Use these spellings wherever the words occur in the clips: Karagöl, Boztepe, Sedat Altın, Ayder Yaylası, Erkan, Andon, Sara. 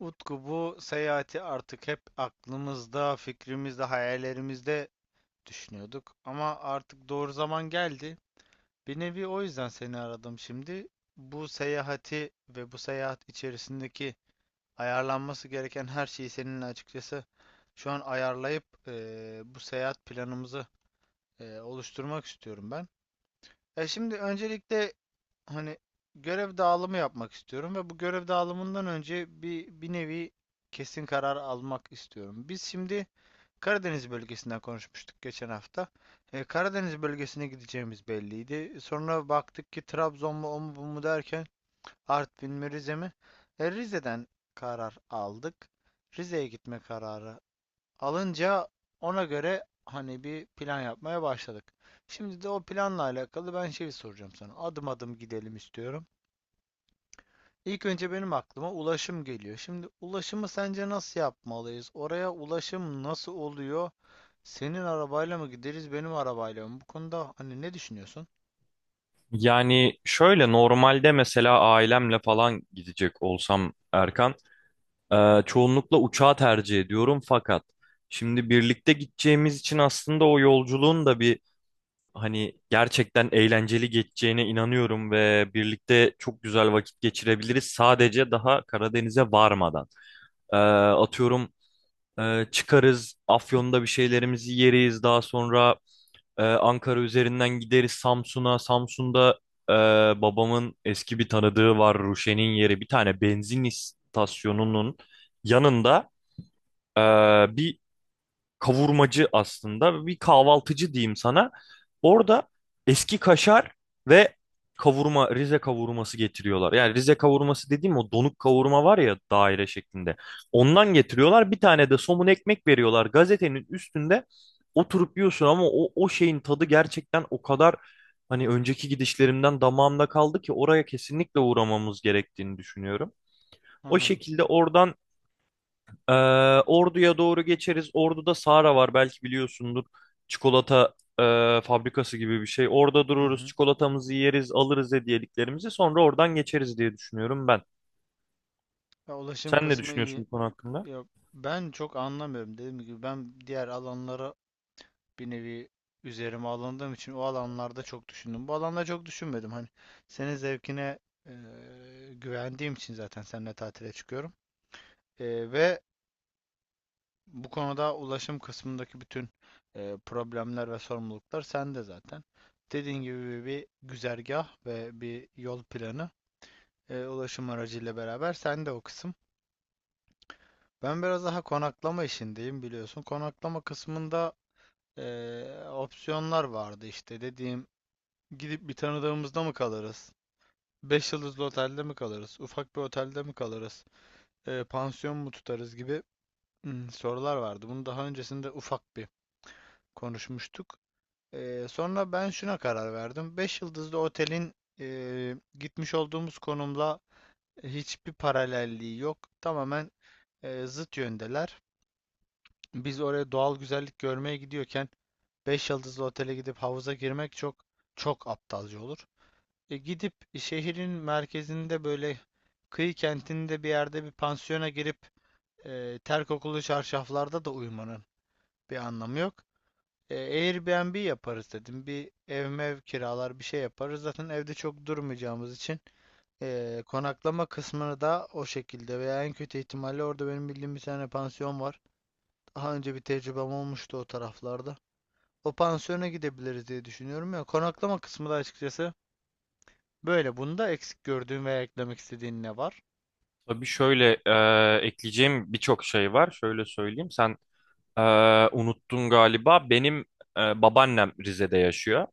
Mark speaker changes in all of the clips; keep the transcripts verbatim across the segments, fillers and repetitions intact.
Speaker 1: Utku bu seyahati artık hep aklımızda, fikrimizde, hayallerimizde düşünüyorduk. Ama artık doğru zaman geldi. Bir nevi o yüzden seni aradım şimdi. Bu seyahati ve bu seyahat içerisindeki ayarlanması gereken her şeyi seninle açıkçası şu an ayarlayıp eee, bu seyahat planımızı eee, oluşturmak istiyorum ben. Ya şimdi öncelikle hani görev dağılımı yapmak istiyorum ve bu görev dağılımından önce bir bir nevi kesin karar almak istiyorum. Biz şimdi Karadeniz bölgesinden konuşmuştuk geçen hafta. E, Karadeniz bölgesine gideceğimiz belliydi. Sonra baktık ki Trabzon mu o mu bu mu derken Artvin mi Rize mi? E, Rize'den karar aldık. Rize'ye gitme kararı alınca ona göre hani bir plan yapmaya başladık. Şimdi de o planla alakalı ben şey soracağım sana. Adım adım gidelim istiyorum. İlk önce benim aklıma ulaşım geliyor. Şimdi ulaşımı sence nasıl yapmalıyız? Oraya ulaşım nasıl oluyor? Senin arabayla mı gideriz, benim arabayla mı? Bu konuda hani ne düşünüyorsun?
Speaker 2: Yani şöyle normalde mesela ailemle falan gidecek olsam Erkan, e, çoğunlukla uçağı tercih ediyorum. Fakat şimdi birlikte gideceğimiz için aslında o yolculuğun da bir hani gerçekten eğlenceli geçeceğine inanıyorum ve birlikte çok güzel vakit geçirebiliriz sadece daha Karadeniz'e varmadan. E, atıyorum, e, çıkarız Afyon'da bir şeylerimizi yeriz, daha sonra ee, Ankara üzerinden gideriz Samsun'a. Samsun'da e, babamın eski bir tanıdığı var, Ruşen'in yeri. Bir tane benzin istasyonunun yanında e, bir kavurmacı, aslında bir kahvaltıcı diyeyim sana. Orada eski kaşar ve kavurma, Rize kavurması getiriyorlar. Yani Rize kavurması dediğim, o donuk kavurma var ya, daire şeklinde. Ondan getiriyorlar. Bir tane de somun ekmek veriyorlar. Gazetenin üstünde oturup yiyorsun, ama o, o şeyin tadı gerçekten o kadar hani önceki gidişlerimden damağımda kaldı ki oraya kesinlikle uğramamız gerektiğini düşünüyorum. O
Speaker 1: Anladım.
Speaker 2: şekilde oradan ee, Ordu'ya doğru geçeriz. Ordu'da Sara var, belki biliyorsundur. Çikolata e, fabrikası gibi bir şey. Orada
Speaker 1: Hı
Speaker 2: dururuz,
Speaker 1: hı.
Speaker 2: çikolatamızı yeriz, alırız hediyeliklerimizi. Sonra oradan geçeriz diye düşünüyorum ben.
Speaker 1: Ya ulaşım
Speaker 2: Sen ne
Speaker 1: kısmı
Speaker 2: düşünüyorsun
Speaker 1: iyi.
Speaker 2: bu konu hakkında?
Speaker 1: Ya ben çok anlamıyorum. Dediğim gibi ben diğer alanlara bir nevi üzerime alındığım için o alanlarda çok düşündüm. Bu alanda çok düşünmedim. Hani senin zevkine eee, güvendiğim için zaten seninle tatile çıkıyorum. Eee, ve bu konuda ulaşım kısmındaki bütün eee, problemler ve sorumluluklar sende zaten. Dediğin gibi bir güzergah ve bir yol planı eee, ulaşım aracıyla beraber sende o kısım. Ben biraz daha konaklama işindeyim biliyorsun. Konaklama kısmında eee, opsiyonlar vardı işte dediğim. Gidip bir tanıdığımızda mı kalırız? Beş yıldızlı otelde mi kalırız? Ufak bir otelde mi kalırız? Ee, pansiyon mu tutarız gibi hmm, sorular vardı. Bunu daha öncesinde ufak bir konuşmuştuk. Ee, sonra ben şuna karar verdim. Beş yıldızlı otelin e, gitmiş olduğumuz konumla hiçbir paralelliği yok. Tamamen e, zıt yöndeler. Biz oraya doğal güzellik görmeye gidiyorken beş yıldızlı otele gidip havuza girmek çok çok aptalca olur. E, gidip şehrin merkezinde böyle kıyı kentinde bir yerde bir pansiyona girip e, ter kokulu çarşaflarda da uyumanın bir anlamı yok. E, Airbnb yaparız dedim. Bir ev mev kiralar bir şey yaparız. Zaten evde çok durmayacağımız için e, konaklama kısmını da o şekilde veya en kötü ihtimalle orada benim bildiğim bir tane pansiyon var. Daha önce bir tecrübem olmuştu o taraflarda. O pansiyona gidebiliriz diye düşünüyorum ya. Konaklama kısmı da açıkçası böyle. Bunda eksik gördüğün veya eklemek istediğin ne var?
Speaker 2: Tabii şöyle, e, ekleyeceğim birçok şey var. Şöyle söyleyeyim. Sen e, unuttun galiba. Benim e, babaannem Rize'de yaşıyor.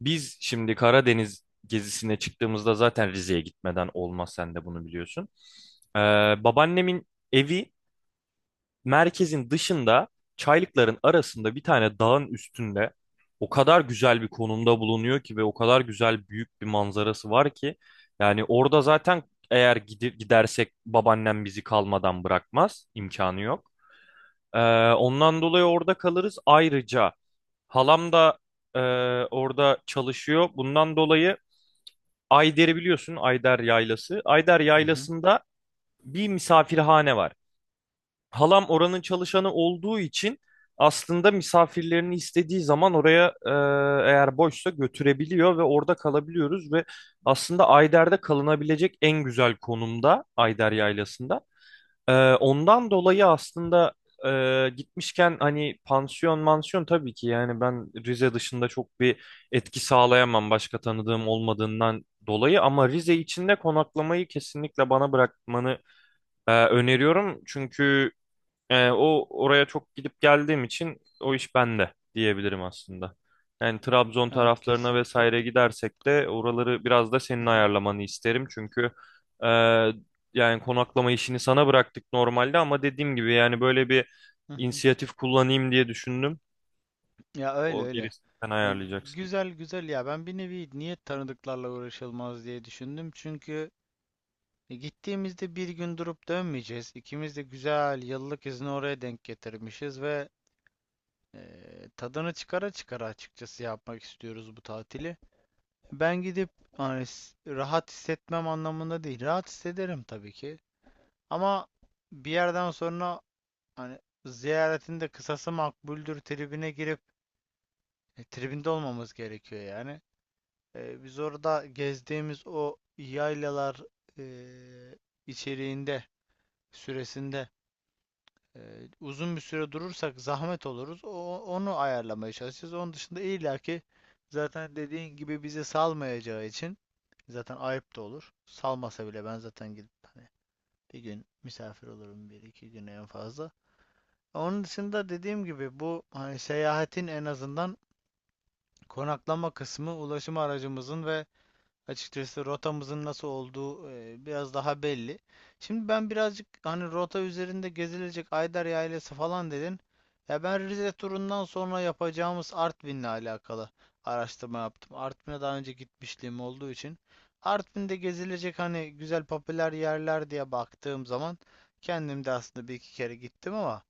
Speaker 2: Biz şimdi Karadeniz gezisine çıktığımızda zaten Rize'ye gitmeden olmaz. Sen de bunu biliyorsun. E, Babaannemin evi merkezin dışında, çaylıkların arasında, bir tane dağın üstünde o kadar güzel bir konumda bulunuyor ki ve o kadar güzel büyük bir manzarası var ki yani orada zaten eğer gidi- gidersek babaannem bizi kalmadan bırakmaz, imkanı yok. Ee, Ondan dolayı orada kalırız. Ayrıca halam da e, orada çalışıyor. Bundan dolayı Ayder'i biliyorsun, Ayder Yaylası. Ayder
Speaker 1: Hı hı.
Speaker 2: Yaylası'nda bir misafirhane var. Halam oranın çalışanı olduğu için aslında misafirlerini istediği zaman oraya, e, eğer boşsa, götürebiliyor ve orada kalabiliyoruz ve aslında Ayder'de kalınabilecek en güzel konumda, Ayder Yaylası'nda. E, ondan dolayı aslında e, gitmişken hani pansiyon mansiyon tabii ki, yani ben Rize dışında çok bir etki sağlayamam başka tanıdığım olmadığından dolayı, ama Rize içinde konaklamayı kesinlikle bana bırakmanı e, öneriyorum. Çünkü ee, o oraya çok gidip geldiğim için o iş bende diyebilirim aslında. Yani Trabzon
Speaker 1: Evet,
Speaker 2: taraflarına
Speaker 1: kesinlikle.
Speaker 2: vesaire gidersek de oraları biraz da
Speaker 1: Hı
Speaker 2: senin
Speaker 1: hı.
Speaker 2: ayarlamanı isterim. Çünkü e, yani konaklama işini sana bıraktık normalde, ama dediğim gibi yani böyle bir
Speaker 1: Hı hı.
Speaker 2: inisiyatif kullanayım diye düşündüm.
Speaker 1: Ya, öyle
Speaker 2: O
Speaker 1: öyle.
Speaker 2: gerisini sen
Speaker 1: Ya,
Speaker 2: ayarlayacaksın.
Speaker 1: güzel güzel ya ben bir nevi niye tanıdıklarla uğraşılmaz diye düşündüm. Çünkü e, gittiğimizde bir gün durup dönmeyeceğiz. İkimiz de güzel yıllık izni oraya denk getirmişiz ve e, tadını çıkara çıkara açıkçası yapmak istiyoruz bu tatili. Ben gidip hani s- rahat hissetmem anlamında değil. Rahat hissederim tabii ki. Ama bir yerden sonra hani ziyaretin de kısası makbuldür tribine girip e, tribinde olmamız gerekiyor yani. E, biz orada gezdiğimiz o yaylalar e, içeriğinde süresinde e, uzun bir süre durursak zahmet oluruz. O, onu ayarlamaya çalışacağız. Onun dışında illaki zaten dediğin gibi bizi salmayacağı için zaten ayıp da olur. Salmasa bile ben zaten gidip hani bir gün misafir olurum bir iki güne en fazla. Onun dışında dediğim gibi bu hani seyahatin en azından konaklama kısmı ulaşım aracımızın ve açıkçası rotamızın nasıl olduğu e, biraz daha belli. Şimdi ben birazcık hani rota üzerinde gezilecek Ayder Yaylası falan dedin. Ya ben Rize turundan sonra yapacağımız Artvin'le alakalı araştırma yaptım. Artvin'e daha önce gitmişliğim olduğu için Artvin'de gezilecek hani güzel popüler yerler diye baktığım zaman kendim de aslında bir iki kere gittim ama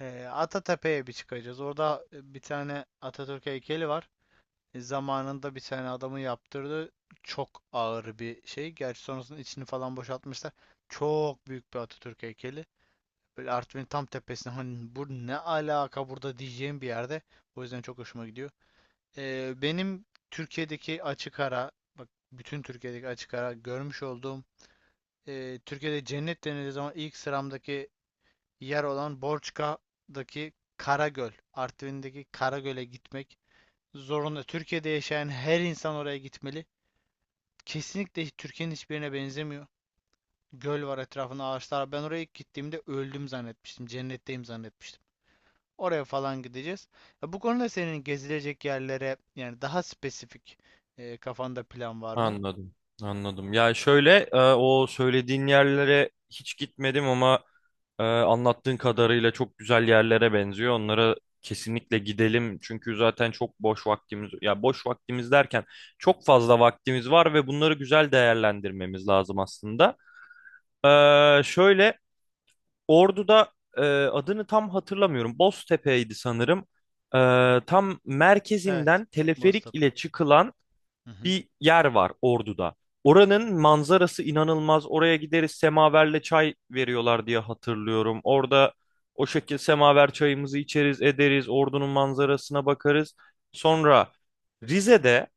Speaker 1: ee, Atatepe'ye bir çıkacağız. Orada e, bir tane Atatürk heykeli var. E, zamanında bir tane adamın yaptırdığı çok ağır bir şey. Gerçi sonrasında içini falan boşaltmışlar. Çok büyük bir Atatürk heykeli. Böyle Artvin'in tam tepesine hani bu ne alaka burada diyeceğim bir yerde. O yüzden çok hoşuma gidiyor. Ee, benim Türkiye'deki açık ara bak bütün Türkiye'deki açık ara görmüş olduğum e, Türkiye'de cennet denildiği zaman ilk sıramdaki yer olan Borçka'daki Karagöl, Artvin'deki Karagöl'e gitmek zorunda. Türkiye'de yaşayan her insan oraya gitmeli. Kesinlikle Türkiye'nin hiçbirine benzemiyor. Göl var, etrafında ağaçlar. Ben oraya ilk gittiğimde öldüm zannetmiştim. Cennetteyim zannetmiştim. Oraya falan gideceğiz. Ya bu konuda senin gezilecek yerlere yani daha spesifik e, kafanda plan var mı?
Speaker 2: Anladım, anladım. Ya şöyle, e, o söylediğin yerlere hiç gitmedim, ama e, anlattığın kadarıyla çok güzel yerlere benziyor. Onlara kesinlikle gidelim, çünkü zaten çok boş vaktimiz, ya boş vaktimiz derken çok fazla vaktimiz var ve bunları güzel değerlendirmemiz lazım aslında. E, şöyle, Ordu'da e, adını tam hatırlamıyorum. Boztepe'ydi sanırım. E, Tam
Speaker 1: Evet.
Speaker 2: merkezinden teleferik
Speaker 1: Boztepe.
Speaker 2: ile çıkılan
Speaker 1: Hı hı.
Speaker 2: bir yer var Ordu'da. Oranın manzarası inanılmaz. Oraya gideriz, semaverle çay veriyorlar diye hatırlıyorum. Orada o şekilde semaver çayımızı içeriz ederiz. Ordu'nun manzarasına bakarız. Sonra Rize'de,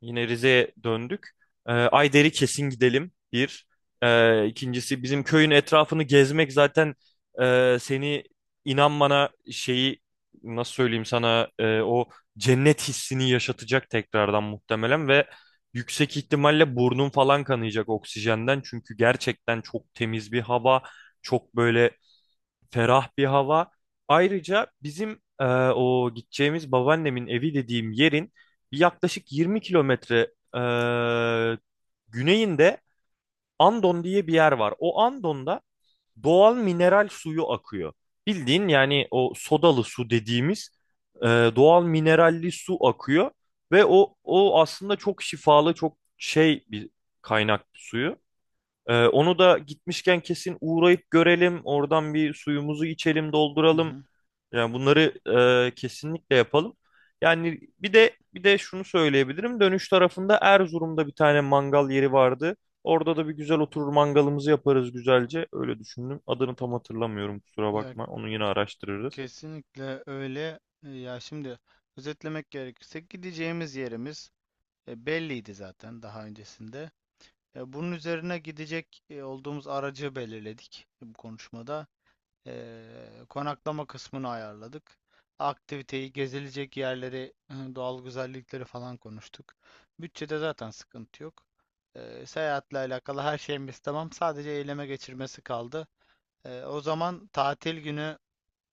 Speaker 2: yine Rize'ye döndük. Ee, Ayder'i kesin gidelim. Bir. Ee, ikincisi bizim köyün etrafını gezmek zaten e, seni, inan bana, şeyi nasıl söyleyeyim sana, e, o cennet hissini yaşatacak tekrardan muhtemelen ve yüksek ihtimalle burnun falan kanayacak oksijenden. Çünkü gerçekten çok temiz bir hava. Çok böyle ferah bir hava. Ayrıca bizim e, o gideceğimiz babaannemin evi dediğim yerin bir yaklaşık yirmi kilometre e, güneyinde Andon diye bir yer var. O Andon'da doğal mineral suyu akıyor. Bildiğin yani o sodalı su dediğimiz e, doğal mineralli su akıyor ve o o aslında çok şifalı, çok şey bir kaynak suyu. Ee, onu da gitmişken kesin uğrayıp görelim. Oradan bir suyumuzu içelim,
Speaker 1: Hı
Speaker 2: dolduralım.
Speaker 1: hı.
Speaker 2: Yani bunları e, kesinlikle yapalım. Yani bir de bir de şunu söyleyebilirim. Dönüş tarafında Erzurum'da bir tane mangal yeri vardı. Orada da bir güzel oturur mangalımızı yaparız güzelce. Öyle düşündüm. Adını tam hatırlamıyorum, kusura
Speaker 1: Ya,
Speaker 2: bakma. Onu yine araştırırız.
Speaker 1: kesinlikle öyle. E, Ya şimdi özetlemek gerekirse gideceğimiz yerimiz e, belliydi zaten daha öncesinde. E, bunun üzerine gidecek e, olduğumuz aracı belirledik bu konuşmada. E, konaklama kısmını ayarladık. Aktiviteyi, gezilecek yerleri, e, doğal güzellikleri falan konuştuk. Bütçede zaten sıkıntı yok. E, seyahatle alakalı her şeyimiz tamam. Sadece eyleme geçirmesi kaldı. E, o zaman tatil günü,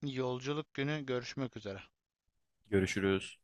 Speaker 1: yolculuk günü görüşmek üzere.
Speaker 2: Görüşürüz.